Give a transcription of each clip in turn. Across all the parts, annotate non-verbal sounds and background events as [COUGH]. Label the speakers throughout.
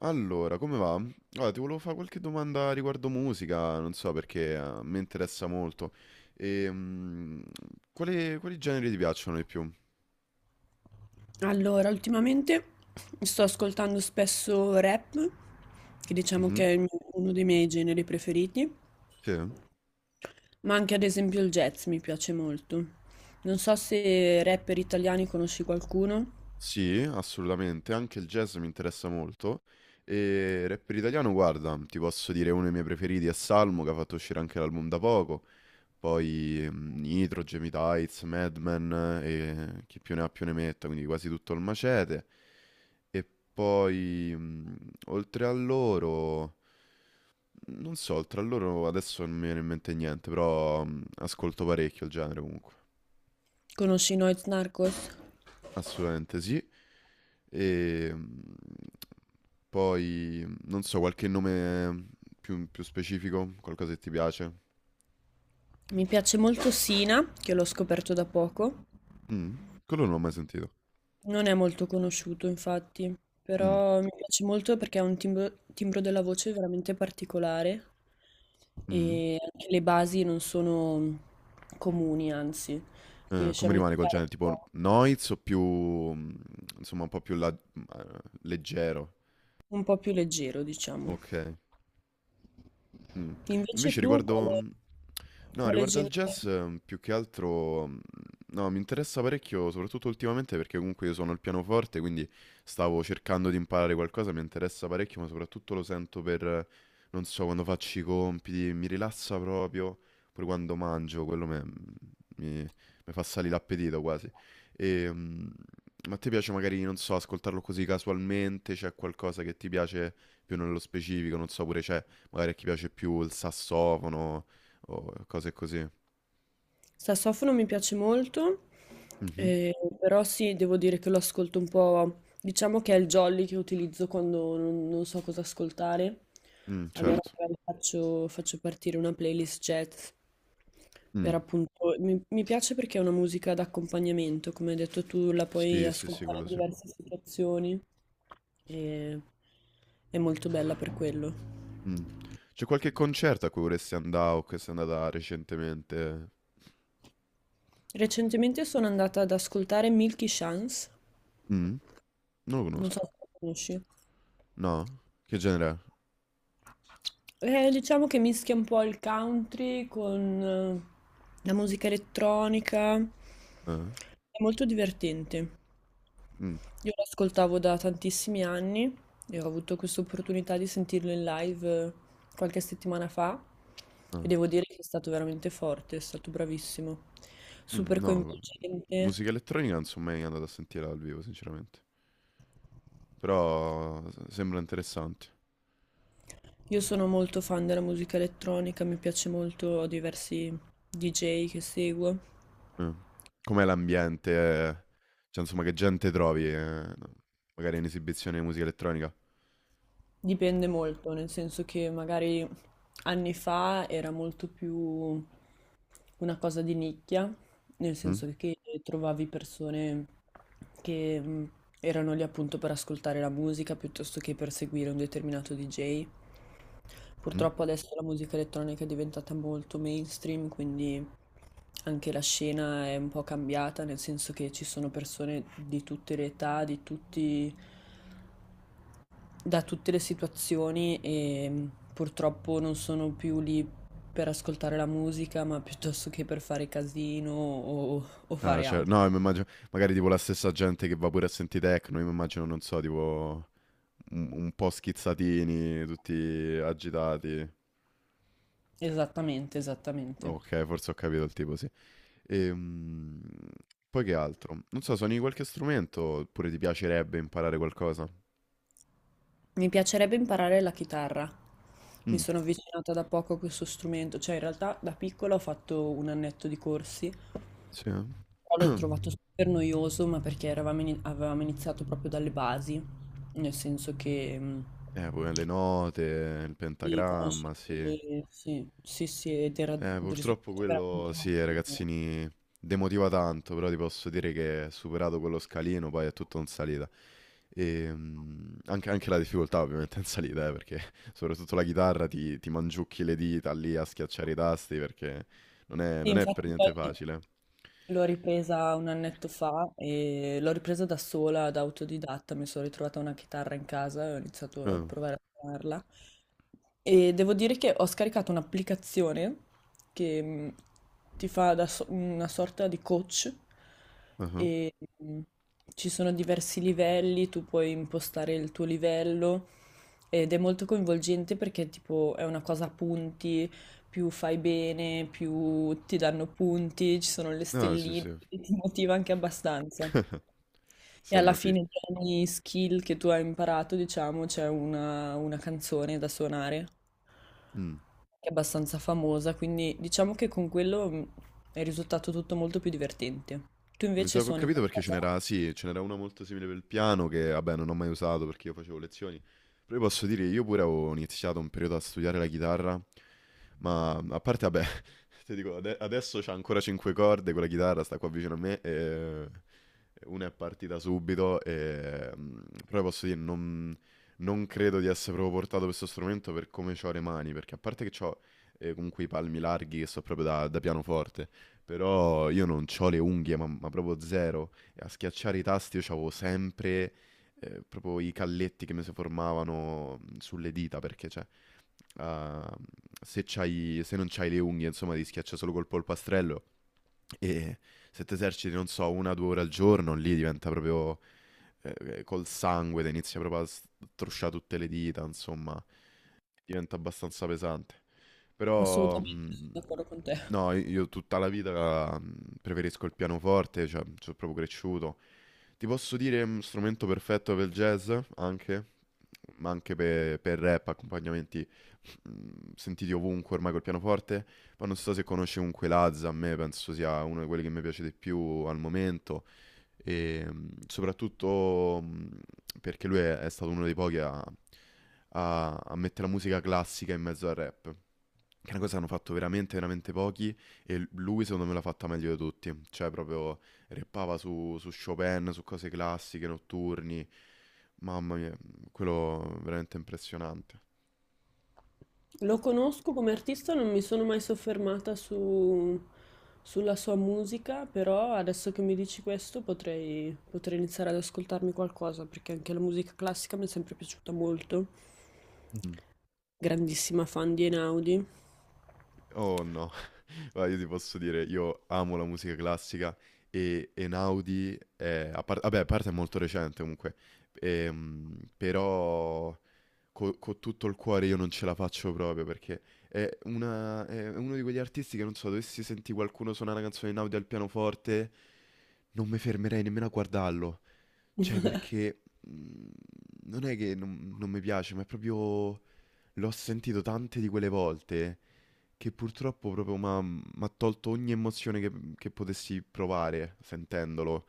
Speaker 1: Allora, come va? Guarda, ti volevo fare qualche domanda riguardo musica, non so perché mi interessa molto. E, mm, quali generi ti piacciono di più?
Speaker 2: Allora, ultimamente sto ascoltando spesso rap, che diciamo che
Speaker 1: Mhm.
Speaker 2: è uno dei miei generi preferiti,
Speaker 1: Sì.
Speaker 2: ma anche ad esempio il jazz mi piace molto. Non so se rapper italiani conosci qualcuno,
Speaker 1: Sì, assolutamente, anche il jazz mi interessa molto. E rapper italiano, guarda, ti posso dire uno dei miei preferiti è Salmo, che ha fatto uscire anche l'album da poco. Poi Nitro, Jamie Tights, Madman, e chi più ne ha più ne metta, quindi quasi tutto il macete. E poi, mh, oltre a loro, non so, oltre a loro adesso non mi viene in mente niente, però ascolto parecchio il genere comunque.
Speaker 2: conosci Noyz Narcos?
Speaker 1: Assolutamente sì. E mh, non so, qualche nome più specifico, qualcosa che ti piace?
Speaker 2: Mi piace molto Sina, che l'ho scoperto da poco.
Speaker 1: Mm, quello non l'ho mai sentito.
Speaker 2: Non è molto conosciuto, infatti,
Speaker 1: Mm.
Speaker 2: però mi piace molto perché ha un timbro della voce veramente particolare,
Speaker 1: Mm.
Speaker 2: e anche le basi non sono comuni, anzi, riesce a
Speaker 1: Come rimane col
Speaker 2: mischiare
Speaker 1: genere? Tipo noise o più, mm, insomma, un po' più leggero?
Speaker 2: un po' più leggero, diciamo.
Speaker 1: Ok. Mm.
Speaker 2: Invece
Speaker 1: Invece
Speaker 2: tu
Speaker 1: riguardo,
Speaker 2: quale,
Speaker 1: mm, No,
Speaker 2: quale
Speaker 1: Riguardo al
Speaker 2: genere?
Speaker 1: jazz, più che altro, mm, no, mi interessa parecchio, soprattutto ultimamente perché comunque io suono il pianoforte, quindi stavo cercando di imparare qualcosa, mi interessa parecchio, ma soprattutto lo sento per, non so, quando faccio i compiti, mi rilassa proprio, pure quando mangio, quello me- mm, mi, mi fa salire l'appetito quasi. E, mm, ma a te piace magari, non so, ascoltarlo così casualmente, c'è qualcosa che ti piace più nello specifico, non so, pure c'è, magari a chi piace più il sassofono o cose così.
Speaker 2: Sassofono mi piace molto,
Speaker 1: Mhm.
Speaker 2: eh, però sì, devo dire che lo ascolto un po', diciamo che è il jolly che utilizzo quando non so cosa ascoltare,
Speaker 1: Mm,
Speaker 2: allora
Speaker 1: certo.
Speaker 2: faccio partire una playlist jazz,
Speaker 1: Mm.
Speaker 2: per appunto, mi piace perché è una musica d'accompagnamento, come hai detto tu, la puoi
Speaker 1: Sì, sì, sì,
Speaker 2: ascoltare
Speaker 1: quello
Speaker 2: in
Speaker 1: sì.
Speaker 2: diverse situazioni e è molto bella per quello.
Speaker 1: Mm. C'è qualche concerto a cui vorresti andare o che sei andata recentemente?
Speaker 2: Recentemente sono andata ad ascoltare Milky Chance,
Speaker 1: Mm? Non lo
Speaker 2: non
Speaker 1: conosco.
Speaker 2: so se la conosci.
Speaker 1: No? Che genere
Speaker 2: Diciamo che mischia un po' il country con la musica elettronica.
Speaker 1: è? Eh?
Speaker 2: È molto divertente.
Speaker 1: Mm.
Speaker 2: Io lo ascoltavo da tantissimi anni e ho avuto questa opportunità di sentirlo in live qualche settimana fa, e
Speaker 1: Ah.
Speaker 2: devo dire che è stato veramente forte, è stato bravissimo,
Speaker 1: Mm.
Speaker 2: super
Speaker 1: No,
Speaker 2: coinvolgente.
Speaker 1: musica elettronica non sono mai andato a sentire dal vivo, sinceramente. Però sembra interessante.
Speaker 2: Io sono molto fan della musica elettronica, mi piace molto, ho diversi DJ che seguo.
Speaker 1: Eh. Com'è l'ambiente? Cioè, insomma, che gente trovi, magari in esibizione di musica elettronica?
Speaker 2: Dipende molto, nel senso che magari anni fa era molto più una cosa di nicchia, nel
Speaker 1: Mm?
Speaker 2: senso che trovavi persone che erano lì appunto per ascoltare la musica piuttosto che per seguire un determinato DJ.
Speaker 1: Mm?
Speaker 2: Purtroppo adesso la musica elettronica è diventata molto mainstream, quindi anche la scena è un po' cambiata, nel senso che ci sono persone di tutte le età, di tutti da tutte le situazioni e purtroppo non sono più lì per ascoltare la musica, ma [LAUGHS] piuttosto che per fare casino o
Speaker 1: Ah,
Speaker 2: fare
Speaker 1: cioè,
Speaker 2: altro.
Speaker 1: no, mi immagino, magari tipo la stessa gente che va pure a sentire techno, io mi immagino, non so, tipo un po' schizzatini, tutti agitati.
Speaker 2: Esattamente, esattamente.
Speaker 1: Ok, forse ho capito il tipo, sì. Ehm, poi che altro? Non so, suoni qualche strumento oppure ti piacerebbe imparare qualcosa?
Speaker 2: Mi piacerebbe imparare la chitarra. Mi
Speaker 1: Mm,
Speaker 2: sono avvicinata da poco a questo strumento, cioè in realtà da piccola ho fatto un annetto di corsi, però
Speaker 1: sì.
Speaker 2: l'ho
Speaker 1: Eh.
Speaker 2: trovato
Speaker 1: [CLEARS THROAT]
Speaker 2: super noioso, ma perché avevamo iniziato proprio dalle basi, nel senso che
Speaker 1: Poi le note, il
Speaker 2: di
Speaker 1: pentagramma, sì.
Speaker 2: conoscerli, sì, sì, sì, ed era un
Speaker 1: Purtroppo
Speaker 2: risultato
Speaker 1: quello,
Speaker 2: veramente
Speaker 1: sì,
Speaker 2: molto buono.
Speaker 1: ragazzini, demotiva tanto, però ti posso dire che superato quello scalino, poi è tutto in salita. Anche la difficoltà ovviamente [LAUGHS] in salita, perché soprattutto la chitarra ti mangiucchi le dita lì a schiacciare i tasti perché
Speaker 2: Sì,
Speaker 1: non è per
Speaker 2: infatti poi
Speaker 1: niente facile.
Speaker 2: l'ho ripresa un annetto fa e l'ho ripresa da sola, da autodidatta, mi sono ritrovata una chitarra in casa e ho iniziato a
Speaker 1: Ah,
Speaker 2: provare a suonarla. E devo dire che ho scaricato un'applicazione che ti fa una sorta di coach
Speaker 1: ah, ah.
Speaker 2: e ci sono diversi livelli, tu puoi impostare il tuo livello ed è molto coinvolgente perché tipo è una cosa a punti, più fai bene, più ti danno punti, ci sono le
Speaker 1: Ah, sì,
Speaker 2: stelline,
Speaker 1: sì.
Speaker 2: quindi ti motiva anche abbastanza.
Speaker 1: [LAUGHS]
Speaker 2: E alla
Speaker 1: Insomma, sì.
Speaker 2: fine tra ogni skill che tu hai imparato, diciamo, c'è una canzone da suonare,
Speaker 1: Mm.
Speaker 2: che è abbastanza famosa, quindi diciamo che con quello è risultato tutto molto più divertente. Tu
Speaker 1: Ma mi
Speaker 2: invece
Speaker 1: sa che ho
Speaker 2: suoni
Speaker 1: capito perché ce
Speaker 2: qualcosa?
Speaker 1: n'era, sì, ce n'era una molto simile per il piano che, vabbè, non ho mai usato perché io facevo lezioni. Però io posso dire che io pure avevo iniziato un periodo a studiare la chitarra, ma a parte, vabbè, [LAUGHS] ti dico, adesso c'ha ancora cinque corde, quella chitarra sta qua vicino a me e una è partita subito e... mm. Però posso dire, non credo di essere proprio portato per questo strumento per come ho le mani, perché a parte che ho comunque i palmi larghi che so proprio da pianoforte, però io non ho le unghie, ma proprio zero. E a schiacciare i tasti io avevo sempre proprio i calletti che mi si formavano sulle dita, perché cioè, ah, se c'hai, se non c'hai le unghie, insomma, ti schiaccia solo col polpastrello. E se ti eserciti, non so, una o due ore al giorno, lì diventa proprio eh, col sangue, te inizia proprio a strusciare tutte le dita, insomma, diventa abbastanza pesante. Però,
Speaker 2: Assolutamente, sono
Speaker 1: mh,
Speaker 2: d'accordo con te.
Speaker 1: no, io tutta la vita preferisco il pianoforte, cioè, sono proprio cresciuto, ti posso dire un strumento perfetto per il jazz, anche, ma anche per rap, accompagnamenti mm, sentiti ovunque ormai col pianoforte. Poi non so se conosci comunque Lazza, a me penso sia uno di quelli che mi piace di più al momento. E mm, soprattutto mm, perché è stato uno dei pochi a, a mettere la musica classica in mezzo al rap. Che è una cosa che hanno fatto veramente, veramente pochi. E lui, secondo me, l'ha fatta meglio di tutti. Cioè, proprio rappava su Chopin, su cose classiche, notturni. Mamma mia, quello veramente impressionante.
Speaker 2: Lo conosco come artista, non mi sono mai soffermata sulla sua musica, però adesso che mi dici questo potrei iniziare ad ascoltarmi qualcosa, perché anche la musica classica mi è sempre piaciuta molto.
Speaker 1: Mm.
Speaker 2: Grandissima fan di Einaudi.
Speaker 1: Oh no, [LAUGHS] guarda, io ti posso dire, io amo la musica classica e Einaudi è, vabbè, a parte è molto recente comunque, però con tutto il cuore io non ce la faccio proprio perché è uno di quegli artisti che non so, dovessi sentire qualcuno suonare una canzone in audio al pianoforte, non mi fermerei nemmeno a guardarlo. Cioè, perché mm, non è che non mi piace, ma è proprio l'ho sentito tante di quelle volte che purtroppo proprio mi ha tolto ogni emozione che potessi provare sentendolo.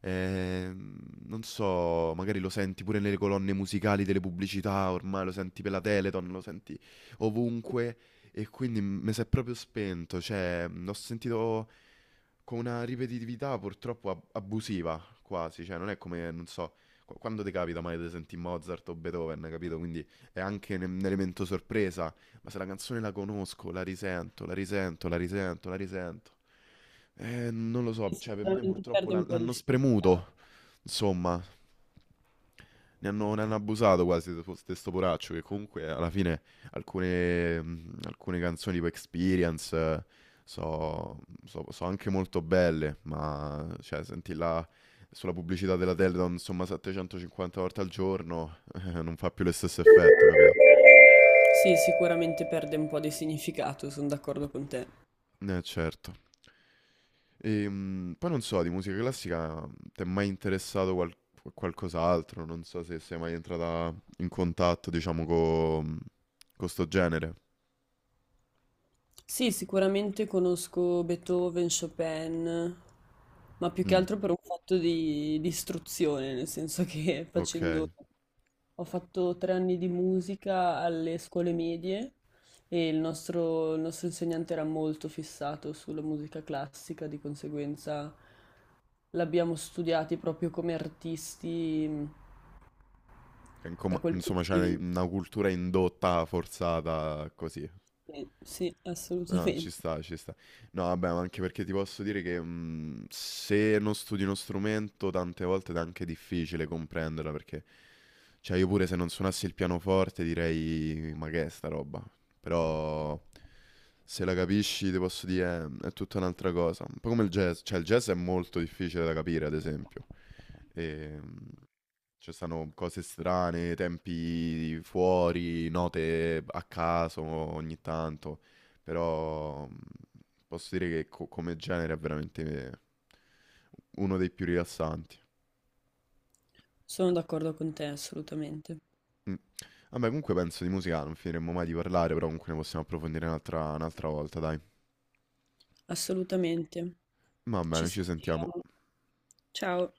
Speaker 1: Ehm, non so, magari lo senti pure nelle colonne musicali delle pubblicità, ormai lo senti per la Teleton, lo senti ovunque e quindi mi si è proprio spento, cioè l'ho sentito con una ripetitività purtroppo abusiva quasi, cioè non è come, non so, quando ti capita mai di sentire Mozart o Beethoven, capito? Quindi è anche un elemento sorpresa, ma se la canzone la conosco, la risento, la risento, la risento, la risento. Non lo so,
Speaker 2: Che
Speaker 1: cioè per me
Speaker 2: sicuramente
Speaker 1: purtroppo
Speaker 2: perde un po' di
Speaker 1: l'hanno
Speaker 2: significato.
Speaker 1: spremuto. Insomma, ne hanno abusato quasi di questo poraccio che comunque alla fine alcune canzoni tipo Experience, so, so anche molto belle, ma cioè senti là sulla pubblicità della Teledon insomma 750 volte al giorno [LAUGHS] non fa più lo stesso effetto, capito?
Speaker 2: Sì, sicuramente perde un po' di significato, sono d'accordo con te.
Speaker 1: Eh certo. Poi non so, di musica classica ti è mai interessato qualcos'altro? Non so se sei mai entrata in contatto, diciamo, con questo genere.
Speaker 2: Sì, sicuramente conosco Beethoven, Chopin, ma più che
Speaker 1: Mm,
Speaker 2: altro per un fatto di istruzione, nel senso che [LAUGHS]
Speaker 1: ok.
Speaker 2: facendo, ho fatto 3 anni di musica alle scuole medie e il nostro insegnante era molto fissato sulla musica classica, di conseguenza l'abbiamo studiati proprio come artisti da quel punto
Speaker 1: Insomma,
Speaker 2: di
Speaker 1: c'è
Speaker 2: vista.
Speaker 1: una cultura indotta, forzata, così.
Speaker 2: Sì, sì,
Speaker 1: No, ci
Speaker 2: assolutamente.
Speaker 1: sta, ci sta. No, vabbè, ma anche perché ti posso dire che se non studi uno strumento, tante volte è anche difficile comprenderla, perché, cioè, io pure se non suonassi il pianoforte direi, ma che è sta roba? Però... se la capisci, ti posso dire, è tutta un'altra cosa. Un po' come il jazz, cioè il jazz è molto difficile da capire, ad esempio. E, mm, ci stanno cose strane, tempi fuori, note a caso ogni tanto, però posso dire che come genere è veramente uno dei più rilassanti.
Speaker 2: Sono d'accordo con te, assolutamente.
Speaker 1: Mm. Vabbè, comunque penso di musica non finiremmo mai di parlare, però comunque ne possiamo approfondire un'altra volta, dai.
Speaker 2: Assolutamente.
Speaker 1: Va
Speaker 2: Ci
Speaker 1: bene, ci sentiamo.
Speaker 2: sentiamo. Ciao.